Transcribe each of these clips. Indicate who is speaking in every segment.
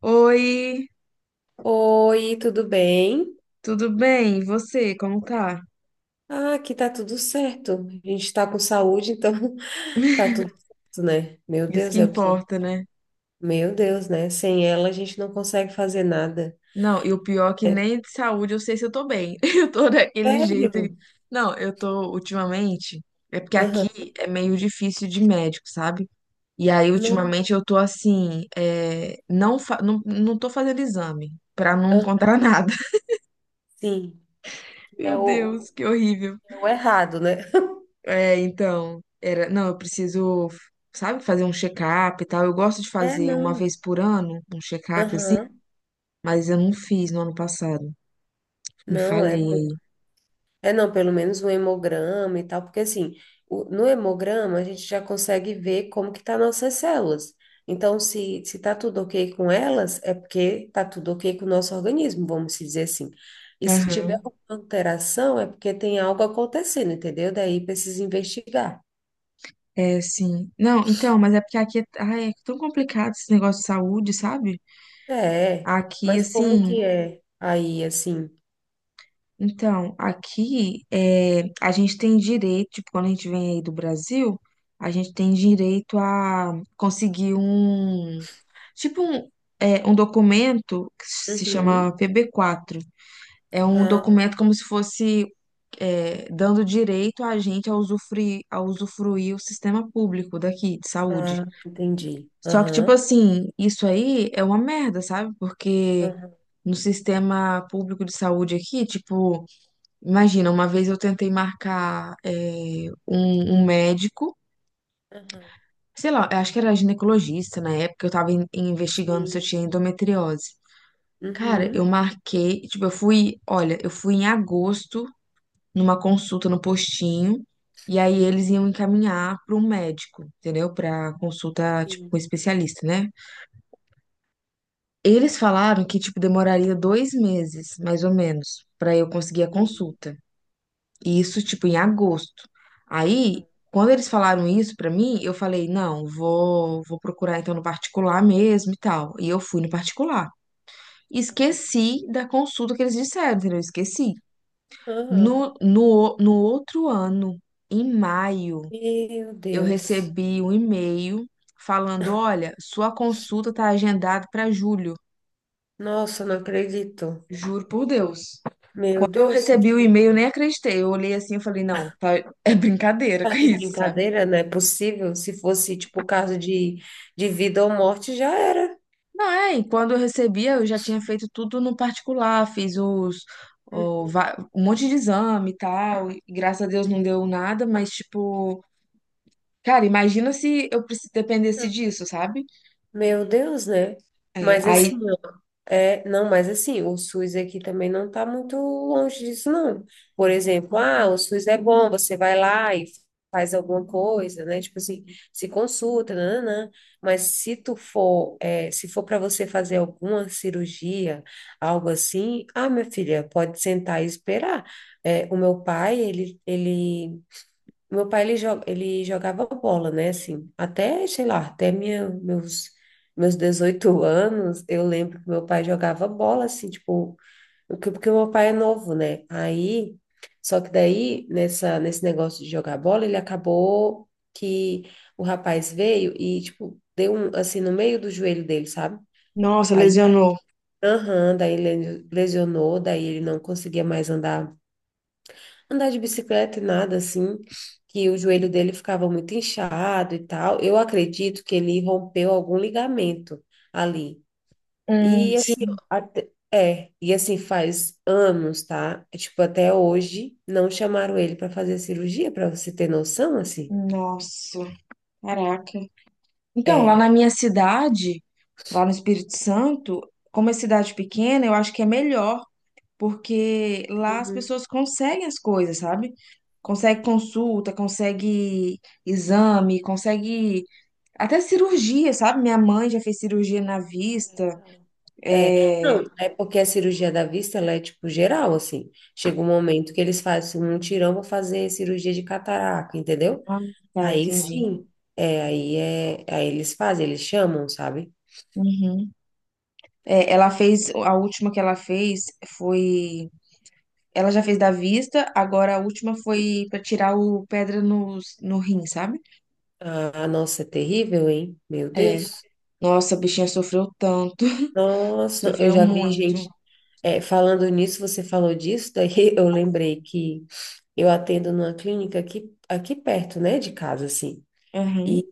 Speaker 1: Oi,
Speaker 2: Oi, tudo bem?
Speaker 1: tudo bem? E você, como tá?
Speaker 2: Ah, aqui tá tudo certo. A gente tá com saúde, então tá tudo certo, né? Meu
Speaker 1: Isso que
Speaker 2: Deus, é o que.
Speaker 1: importa, né?
Speaker 2: Meu Deus, né? Sem ela a gente não consegue fazer nada.
Speaker 1: Não, e o pior é que nem de saúde eu sei se eu tô bem. Eu tô daquele jeito.
Speaker 2: Sério?
Speaker 1: Não, eu tô ultimamente. É porque aqui
Speaker 2: Aham.
Speaker 1: é meio difícil de médico, sabe? E aí,
Speaker 2: Não.
Speaker 1: ultimamente, eu tô assim. Não, não tô fazendo exame pra não
Speaker 2: Ah,
Speaker 1: encontrar nada.
Speaker 2: sim. É
Speaker 1: Meu
Speaker 2: o,
Speaker 1: Deus, que horrível.
Speaker 2: é o errado, né?
Speaker 1: É, então, não, eu preciso, sabe, fazer um check-up e tal. Eu gosto de
Speaker 2: É,
Speaker 1: fazer uma
Speaker 2: não.
Speaker 1: vez por ano um check-up assim,
Speaker 2: Aham.
Speaker 1: mas eu não fiz no ano passado. Me
Speaker 2: Não,
Speaker 1: falhei
Speaker 2: é.
Speaker 1: aí.
Speaker 2: É, não, pelo menos um hemograma e tal, porque assim, no hemograma a gente já consegue ver como que tá nossas células. Então, se tá tudo ok com elas, é porque tá tudo ok com o nosso organismo, vamos se dizer assim. E se tiver
Speaker 1: Aham.
Speaker 2: alguma alteração, é porque tem algo acontecendo, entendeu? Daí precisa investigar.
Speaker 1: É, sim. Não, então, mas é porque aqui é tão complicado esse negócio de saúde, sabe?
Speaker 2: É,
Speaker 1: Aqui,
Speaker 2: mas como
Speaker 1: assim,
Speaker 2: que é aí, assim?
Speaker 1: então, aqui é, a gente tem direito, tipo, quando a gente vem aí do Brasil, a gente tem direito a conseguir um, tipo, um documento que se chama
Speaker 2: Uhum.
Speaker 1: PB4. É um
Speaker 2: Ah,
Speaker 1: documento como se fosse, dando direito a gente a usufruir, o sistema público daqui, de saúde.
Speaker 2: ah, entendi.
Speaker 1: Só que, tipo
Speaker 2: Aham,
Speaker 1: assim, isso aí é uma merda, sabe? Porque
Speaker 2: aham,
Speaker 1: no sistema público de saúde aqui, tipo. Imagina, uma vez eu tentei marcar um médico,
Speaker 2: aham.
Speaker 1: sei lá, eu acho que era ginecologista na época, eu tava investigando se eu
Speaker 2: Sim.
Speaker 1: tinha endometriose. Cara, eu
Speaker 2: Uhum.
Speaker 1: marquei, tipo, olha, eu fui em agosto numa consulta no postinho, e aí
Speaker 2: uhum,
Speaker 1: eles iam encaminhar para um médico, entendeu? Para consulta, tipo,
Speaker 2: Sim,
Speaker 1: com um especialista, né? Eles falaram que, tipo, demoraria 2 meses, mais ou menos, para eu conseguir a
Speaker 2: sim.
Speaker 1: consulta. Isso, tipo, em agosto. Aí,
Speaker 2: Aham,
Speaker 1: quando eles falaram isso pra mim, eu falei, não, vou procurar então no particular mesmo e tal. E eu fui no particular.
Speaker 2: aham,
Speaker 1: Esqueci da consulta que eles disseram, entendeu? Esqueci.
Speaker 2: aham.
Speaker 1: No outro ano, em maio,
Speaker 2: Meu
Speaker 1: eu
Speaker 2: Deus.
Speaker 1: recebi um e-mail falando, olha, sua consulta tá agendada pra julho.
Speaker 2: Nossa, não acredito.
Speaker 1: Juro por Deus.
Speaker 2: Meu
Speaker 1: Quando eu
Speaker 2: Deus,
Speaker 1: recebi o e-mail, eu nem acreditei. Eu olhei assim e falei, não, é brincadeira
Speaker 2: tá
Speaker 1: com
Speaker 2: de
Speaker 1: isso, sabe?
Speaker 2: brincadeira, não é possível. Se fosse, tipo, de vida ou morte, já era.
Speaker 1: Não, é, e quando eu recebia, eu já tinha feito tudo no particular, fiz os,
Speaker 2: Hum.
Speaker 1: o va- um monte de exame e tal, e graças a Deus não deu nada, mas tipo, cara, imagina se eu dependesse disso, sabe?
Speaker 2: Meu Deus, né?
Speaker 1: É,
Speaker 2: Mas assim,
Speaker 1: aí,
Speaker 2: é, não, mas assim, o SUS aqui também não está muito longe disso, não. Por exemplo, ah, o SUS é bom, você vai lá e faz alguma coisa, né? Tipo assim, se consulta, nananã. Mas se tu for, é, se for para você fazer alguma cirurgia, algo assim, ah, minha filha, pode sentar e esperar. É, o meu pai, ele ele jogava bola, né? Assim, até, sei lá, até minha, meus, meus 18 anos, eu lembro que meu pai jogava bola, assim, tipo, porque meu pai é novo, né? Aí, só que daí, nessa, nesse negócio de jogar bola, ele acabou que o rapaz veio e, tipo, deu um, assim, no meio do joelho dele, sabe?
Speaker 1: nossa,
Speaker 2: Aí,
Speaker 1: lesionou.
Speaker 2: aham, daí ele lesionou, daí ele não conseguia mais andar de bicicleta e nada assim, que o joelho dele ficava muito inchado e tal. Eu acredito que ele rompeu algum ligamento ali.
Speaker 1: Hum,
Speaker 2: E assim,
Speaker 1: sim,
Speaker 2: ó, é, e assim faz anos, tá? É, tipo, até hoje não chamaram ele para fazer cirurgia, para você ter noção, assim.
Speaker 1: nossa, caraca. Então, lá
Speaker 2: É.
Speaker 1: na minha cidade, lá no Espírito Santo, como é cidade pequena, eu acho que é melhor porque lá as
Speaker 2: Uhum.
Speaker 1: pessoas conseguem as coisas, sabe? Consegue consulta, consegue exame, consegue até cirurgia, sabe? Minha mãe já fez cirurgia na
Speaker 2: Ah,
Speaker 1: vista.
Speaker 2: legal. É,
Speaker 1: É...
Speaker 2: não, é porque a cirurgia da vista, ela é tipo geral, assim. Chega um momento que eles fazem um tirão, para fazer cirurgia de catarata, entendeu?
Speaker 1: Ah, tá,
Speaker 2: Aí
Speaker 1: entendi.
Speaker 2: sim, é, aí eles fazem, eles chamam, sabe?
Speaker 1: Uhum. É, ela fez, a última que ela fez foi. Ela já fez da vista, agora a última foi pra tirar o pedra no rim, sabe?
Speaker 2: Ah, nossa, é terrível, hein? Meu
Speaker 1: É.
Speaker 2: Deus.
Speaker 1: Nossa, a bichinha sofreu tanto.
Speaker 2: Nossa, eu
Speaker 1: Sofreu
Speaker 2: já vi
Speaker 1: muito.
Speaker 2: gente. É, falando nisso, você falou disso, daí eu lembrei que eu atendo numa clínica aqui, aqui perto, né, de casa, assim.
Speaker 1: Aham,
Speaker 2: E,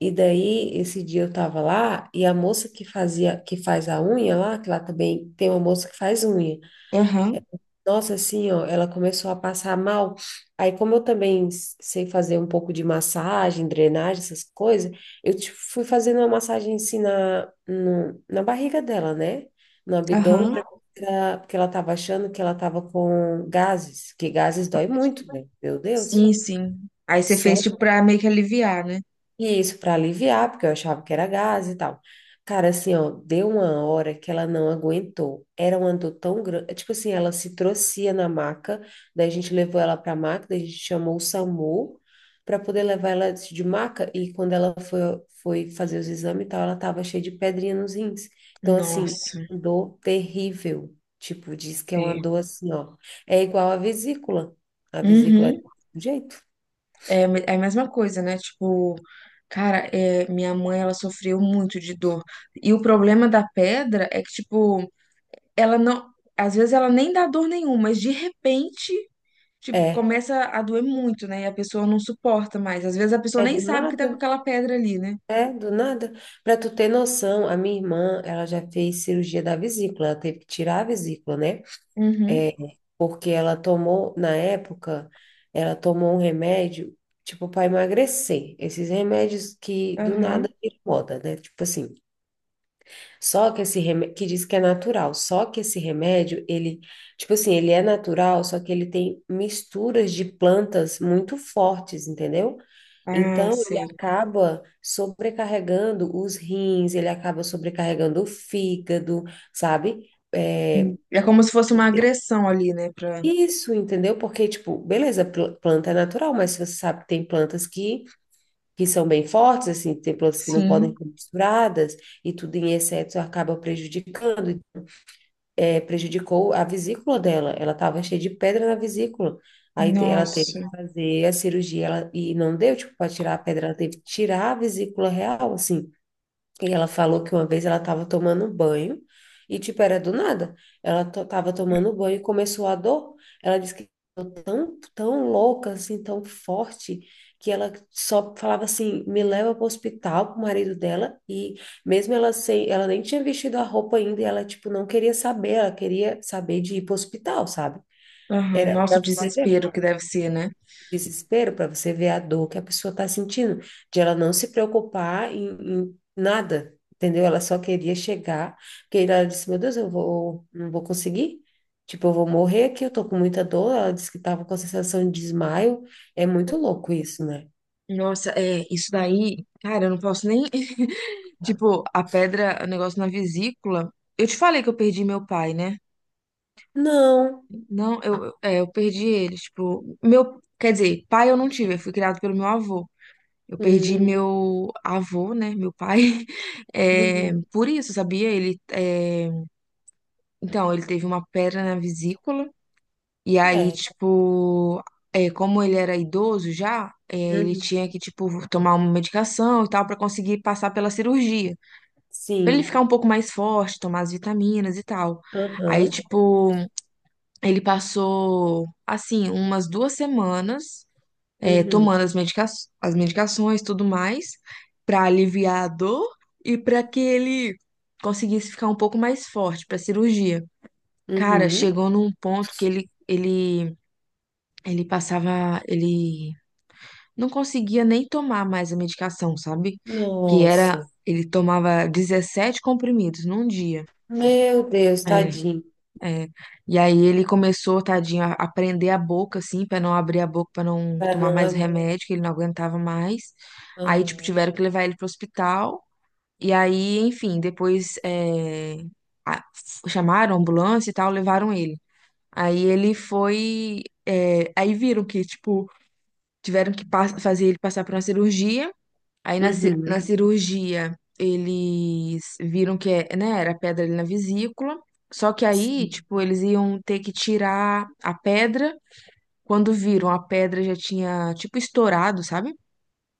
Speaker 2: e daí, esse dia eu tava lá e a moça que fazia, que faz a unha lá, que lá também tem uma moça que faz unha.
Speaker 1: aham,
Speaker 2: Nossa, assim, ó, ela começou a passar mal. Aí, como eu também sei fazer um pouco de massagem, drenagem, essas coisas, eu tipo, fui fazendo uma massagem assim na, na barriga dela, né? No abdômen,
Speaker 1: aham.
Speaker 2: porque ela tava achando que ela tava com gases, que gases dói muito, né? Meu Deus.
Speaker 1: Sim, sim, aí você fez
Speaker 2: Só
Speaker 1: tipo pra meio que aliviar, né?
Speaker 2: e isso para aliviar, porque eu achava que era gás e tal. Cara, assim, ó, deu uma hora que ela não aguentou. Era uma dor tão grande. Tipo assim, ela se trouxe na maca, daí a gente levou ela pra maca, daí a gente chamou o SAMU para poder levar ela de maca. E quando ela foi, foi fazer os exames e tal, ela tava cheia de pedrinha nos rins. Então, assim,
Speaker 1: Nossa,
Speaker 2: dor terrível. Tipo, diz que é uma
Speaker 1: é.
Speaker 2: dor assim, ó. É igual a vesícula. A vesícula é
Speaker 1: Uhum.
Speaker 2: do jeito.
Speaker 1: É, é a mesma coisa, né? Tipo, cara, é, minha mãe, ela sofreu muito de dor. E o problema da pedra é que, tipo, ela não. Às vezes ela nem dá dor nenhuma, mas de repente, tipo,
Speaker 2: É.
Speaker 1: começa a doer muito, né? E a pessoa não suporta mais. Às vezes a pessoa
Speaker 2: É
Speaker 1: nem
Speaker 2: do
Speaker 1: sabe que tá
Speaker 2: nada.
Speaker 1: com aquela pedra ali, né?
Speaker 2: É, do nada. Para tu ter noção, a minha irmã, ela já fez cirurgia da vesícula, ela teve que tirar a vesícula, né?
Speaker 1: Uhum.
Speaker 2: Porque ela tomou, na época, ela tomou um remédio, tipo, para emagrecer. Esses remédios que do
Speaker 1: Aham.
Speaker 2: nada viram moda, né? Tipo assim, só que esse remédio, que diz que é natural, só que esse remédio, ele, tipo assim, ele é natural, só que ele tem misturas de plantas muito fortes, entendeu?
Speaker 1: Ah,
Speaker 2: Então, ele
Speaker 1: sei.
Speaker 2: acaba sobrecarregando os rins, ele acaba sobrecarregando o fígado, sabe? É,
Speaker 1: Hum. É como se fosse uma agressão ali, né? Pra...
Speaker 2: isso, entendeu? Porque, tipo, beleza, planta é natural, mas você sabe que tem plantas que são bem fortes, assim, tem plantas que não podem
Speaker 1: Sim.
Speaker 2: ser misturadas, e tudo em excesso acaba prejudicando, é, prejudicou a vesícula dela, ela estava cheia de pedra na vesícula. Aí ela teve
Speaker 1: Nossa,
Speaker 2: que fazer a cirurgia ela, e não deu, tipo, para tirar a pedra, ela teve que tirar a vesícula real, assim. E ela falou que uma vez ela estava tomando banho e, tipo, era do nada. Ela estava tomando banho e começou a dor. Ela disse que ficou tão louca, assim, tão forte, que ela só falava assim: me leva para o hospital, para o marido dela. E mesmo ela sem, ela nem tinha vestido a roupa ainda, e ela, tipo, não queria saber, ela queria saber de ir para o hospital, sabe?
Speaker 1: aham,
Speaker 2: Era
Speaker 1: nossa,
Speaker 2: para
Speaker 1: o
Speaker 2: você ver
Speaker 1: desespero que deve ser, né?
Speaker 2: desespero para você ver a dor que a pessoa está sentindo, de ela não se preocupar em nada, entendeu? Ela só queria chegar, porque ela disse, meu Deus, eu vou, não vou conseguir, tipo, eu vou morrer aqui, eu tô com muita dor, ela disse que tava com a sensação de desmaio, é muito louco isso, né?
Speaker 1: Nossa, é, isso daí, cara, eu não posso nem. Tipo, a pedra, o negócio na vesícula. Eu te falei que eu perdi meu pai, né?
Speaker 2: Não,
Speaker 1: Não, eu perdi ele. Tipo, meu, quer dizer, pai eu não tive, eu fui criado pelo meu avô. Eu perdi
Speaker 2: hum,
Speaker 1: meu avô, né? Meu pai. É,
Speaker 2: uhum.
Speaker 1: por isso, sabia? Então, ele teve uma pedra na vesícula, e aí,
Speaker 2: Sério,
Speaker 1: tipo, como ele era idoso já, ele
Speaker 2: uhum.
Speaker 1: tinha que, tipo, tomar uma medicação e tal, pra conseguir passar pela cirurgia. Pra ele ficar
Speaker 2: Sim,
Speaker 1: um pouco mais forte, tomar as vitaminas e tal. Aí,
Speaker 2: aham,
Speaker 1: tipo, ele passou, assim, umas 2 semanas,
Speaker 2: uhum.
Speaker 1: tomando as medicações e tudo mais, pra aliviar a dor e pra que ele conseguisse ficar um pouco mais forte pra cirurgia. Cara,
Speaker 2: Uhum.
Speaker 1: chegou num ponto que ele passava, ele não conseguia nem tomar mais a medicação, sabe? Que era,
Speaker 2: Nossa,
Speaker 1: ele tomava 17 comprimidos num dia.
Speaker 2: meu Deus,
Speaker 1: É,
Speaker 2: tadinho,
Speaker 1: é. E aí ele começou, tadinho, a prender a boca, assim, pra não abrir a boca, pra não
Speaker 2: para
Speaker 1: tomar
Speaker 2: não
Speaker 1: mais
Speaker 2: abrir,
Speaker 1: remédio, que ele não aguentava mais. Aí, tipo,
Speaker 2: aham.
Speaker 1: tiveram que levar ele pro hospital. E aí, enfim, depois, a- chamaram a ambulância e tal, levaram ele. Aí ele foi. Aí viram que, tipo, tiveram que fazer ele passar por uma cirurgia. Aí na
Speaker 2: Uhum.
Speaker 1: cirurgia eles viram que é, né, era pedra ali na vesícula. Só que aí,
Speaker 2: Sim.
Speaker 1: tipo, eles iam ter que tirar a pedra. Quando viram, a pedra já tinha, tipo, estourado, sabe?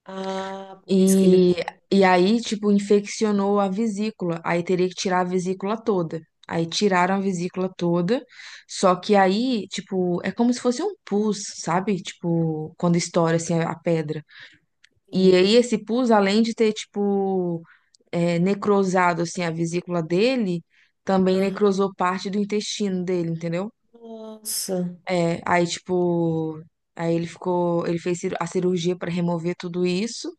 Speaker 2: Ah, por isso que ele
Speaker 1: E, e
Speaker 2: estava
Speaker 1: aí, tipo, infeccionou a vesícula. Aí teria que tirar a vesícula toda. Aí tiraram a vesícula toda. Só que aí, tipo, é como se fosse um pus, sabe? Tipo, quando estoura assim a pedra. E
Speaker 2: assim.
Speaker 1: aí, esse pus, além de ter, tipo, necrosado assim a vesícula dele, também
Speaker 2: Aham.
Speaker 1: necrosou parte do intestino dele, entendeu?
Speaker 2: Nossa.
Speaker 1: É, aí, tipo, aí ele ficou, ele fez a cirurgia para remover tudo isso.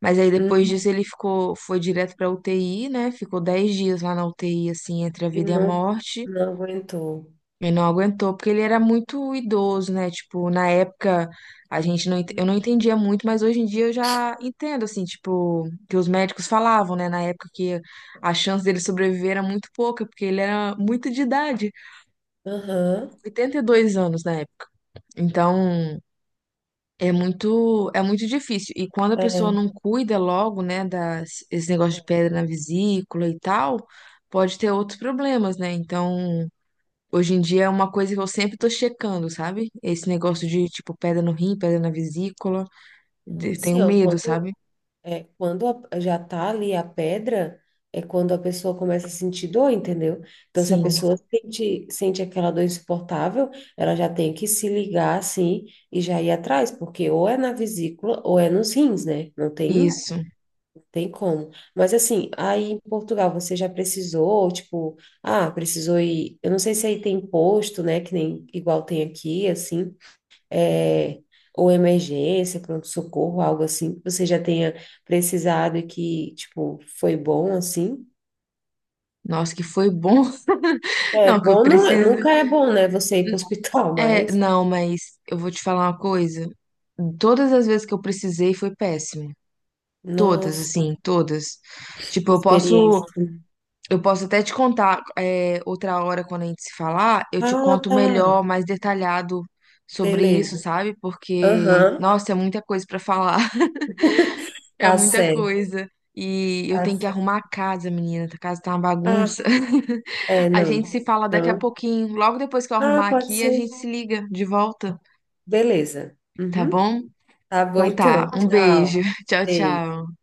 Speaker 1: Mas aí depois
Speaker 2: Uhum.
Speaker 1: disso ele ficou, foi direto pra UTI, né? Ficou 10 dias lá na UTI, assim, entre a
Speaker 2: E
Speaker 1: vida e a
Speaker 2: não,
Speaker 1: morte.
Speaker 2: não aguentou.
Speaker 1: E não aguentou, porque ele era muito idoso, né? Tipo, na época a gente não, ent- eu não entendia muito, mas hoje em dia eu já entendo, assim, tipo, que os médicos falavam, né? Na época que a chance dele sobreviver era muito pouca, porque ele era muito de idade,
Speaker 2: Aham.
Speaker 1: 82 anos na época. Então, é muito, é muito difícil. E quando a pessoa
Speaker 2: É.
Speaker 1: não cuida logo, né, das, esse negócio de
Speaker 2: É.
Speaker 1: pedra na vesícula e tal, pode ter outros problemas, né? Então, hoje em dia é uma coisa que eu sempre tô checando, sabe? Esse negócio de, tipo, pedra no rim, pedra na vesícula.
Speaker 2: Não, e
Speaker 1: Tenho
Speaker 2: assim, ó,
Speaker 1: medo,
Speaker 2: quando,
Speaker 1: sabe?
Speaker 2: é, quando já tá ali a pedra, é quando a pessoa começa a sentir dor, entendeu? Então, se a
Speaker 1: Sim,
Speaker 2: pessoa sente, sente aquela dor insuportável, ela já tem que se ligar assim e já ir atrás, porque ou é na vesícula ou é nos rins, né? Não tem
Speaker 1: isso.
Speaker 2: tem como. Mas assim, aí em Portugal você já precisou, tipo, ah, precisou ir. Eu não sei se aí tem posto, né? Que nem igual tem aqui, assim, é, ou emergência, pronto-socorro, algo assim, que você já tenha precisado e que, tipo, foi bom, assim.
Speaker 1: Nossa, que foi bom.
Speaker 2: É
Speaker 1: Não, que eu
Speaker 2: bom,
Speaker 1: preciso.
Speaker 2: nunca é bom, né? Você ir para o hospital,
Speaker 1: É,
Speaker 2: mas,
Speaker 1: não, mas eu vou te falar uma coisa. Todas as vezes que eu precisei foi péssimo. Todas,
Speaker 2: nossa,
Speaker 1: assim, todas.
Speaker 2: que
Speaker 1: Tipo,
Speaker 2: experiência.
Speaker 1: eu posso até te contar, outra hora quando a gente se falar, eu te
Speaker 2: Ah,
Speaker 1: conto
Speaker 2: tá.
Speaker 1: melhor, mais detalhado sobre isso,
Speaker 2: Beleza.
Speaker 1: sabe? Porque,
Speaker 2: Aham,
Speaker 1: nossa, é muita coisa pra falar, é
Speaker 2: tá
Speaker 1: muita
Speaker 2: certo,
Speaker 1: coisa. E eu
Speaker 2: tá
Speaker 1: tenho que
Speaker 2: certo.
Speaker 1: arrumar a casa, menina, a casa tá uma
Speaker 2: Ah,
Speaker 1: bagunça.
Speaker 2: é,
Speaker 1: A gente
Speaker 2: não.
Speaker 1: se fala daqui a
Speaker 2: Então.
Speaker 1: pouquinho, logo depois que eu
Speaker 2: Ah,
Speaker 1: arrumar
Speaker 2: pode
Speaker 1: aqui, a gente
Speaker 2: ser.
Speaker 1: se liga de volta,
Speaker 2: Beleza.
Speaker 1: tá
Speaker 2: Uhum.
Speaker 1: bom?
Speaker 2: Tá bom
Speaker 1: Então tá,
Speaker 2: então.
Speaker 1: um beijo.
Speaker 2: Tchau.
Speaker 1: Tchau,
Speaker 2: Beijo.
Speaker 1: tchau.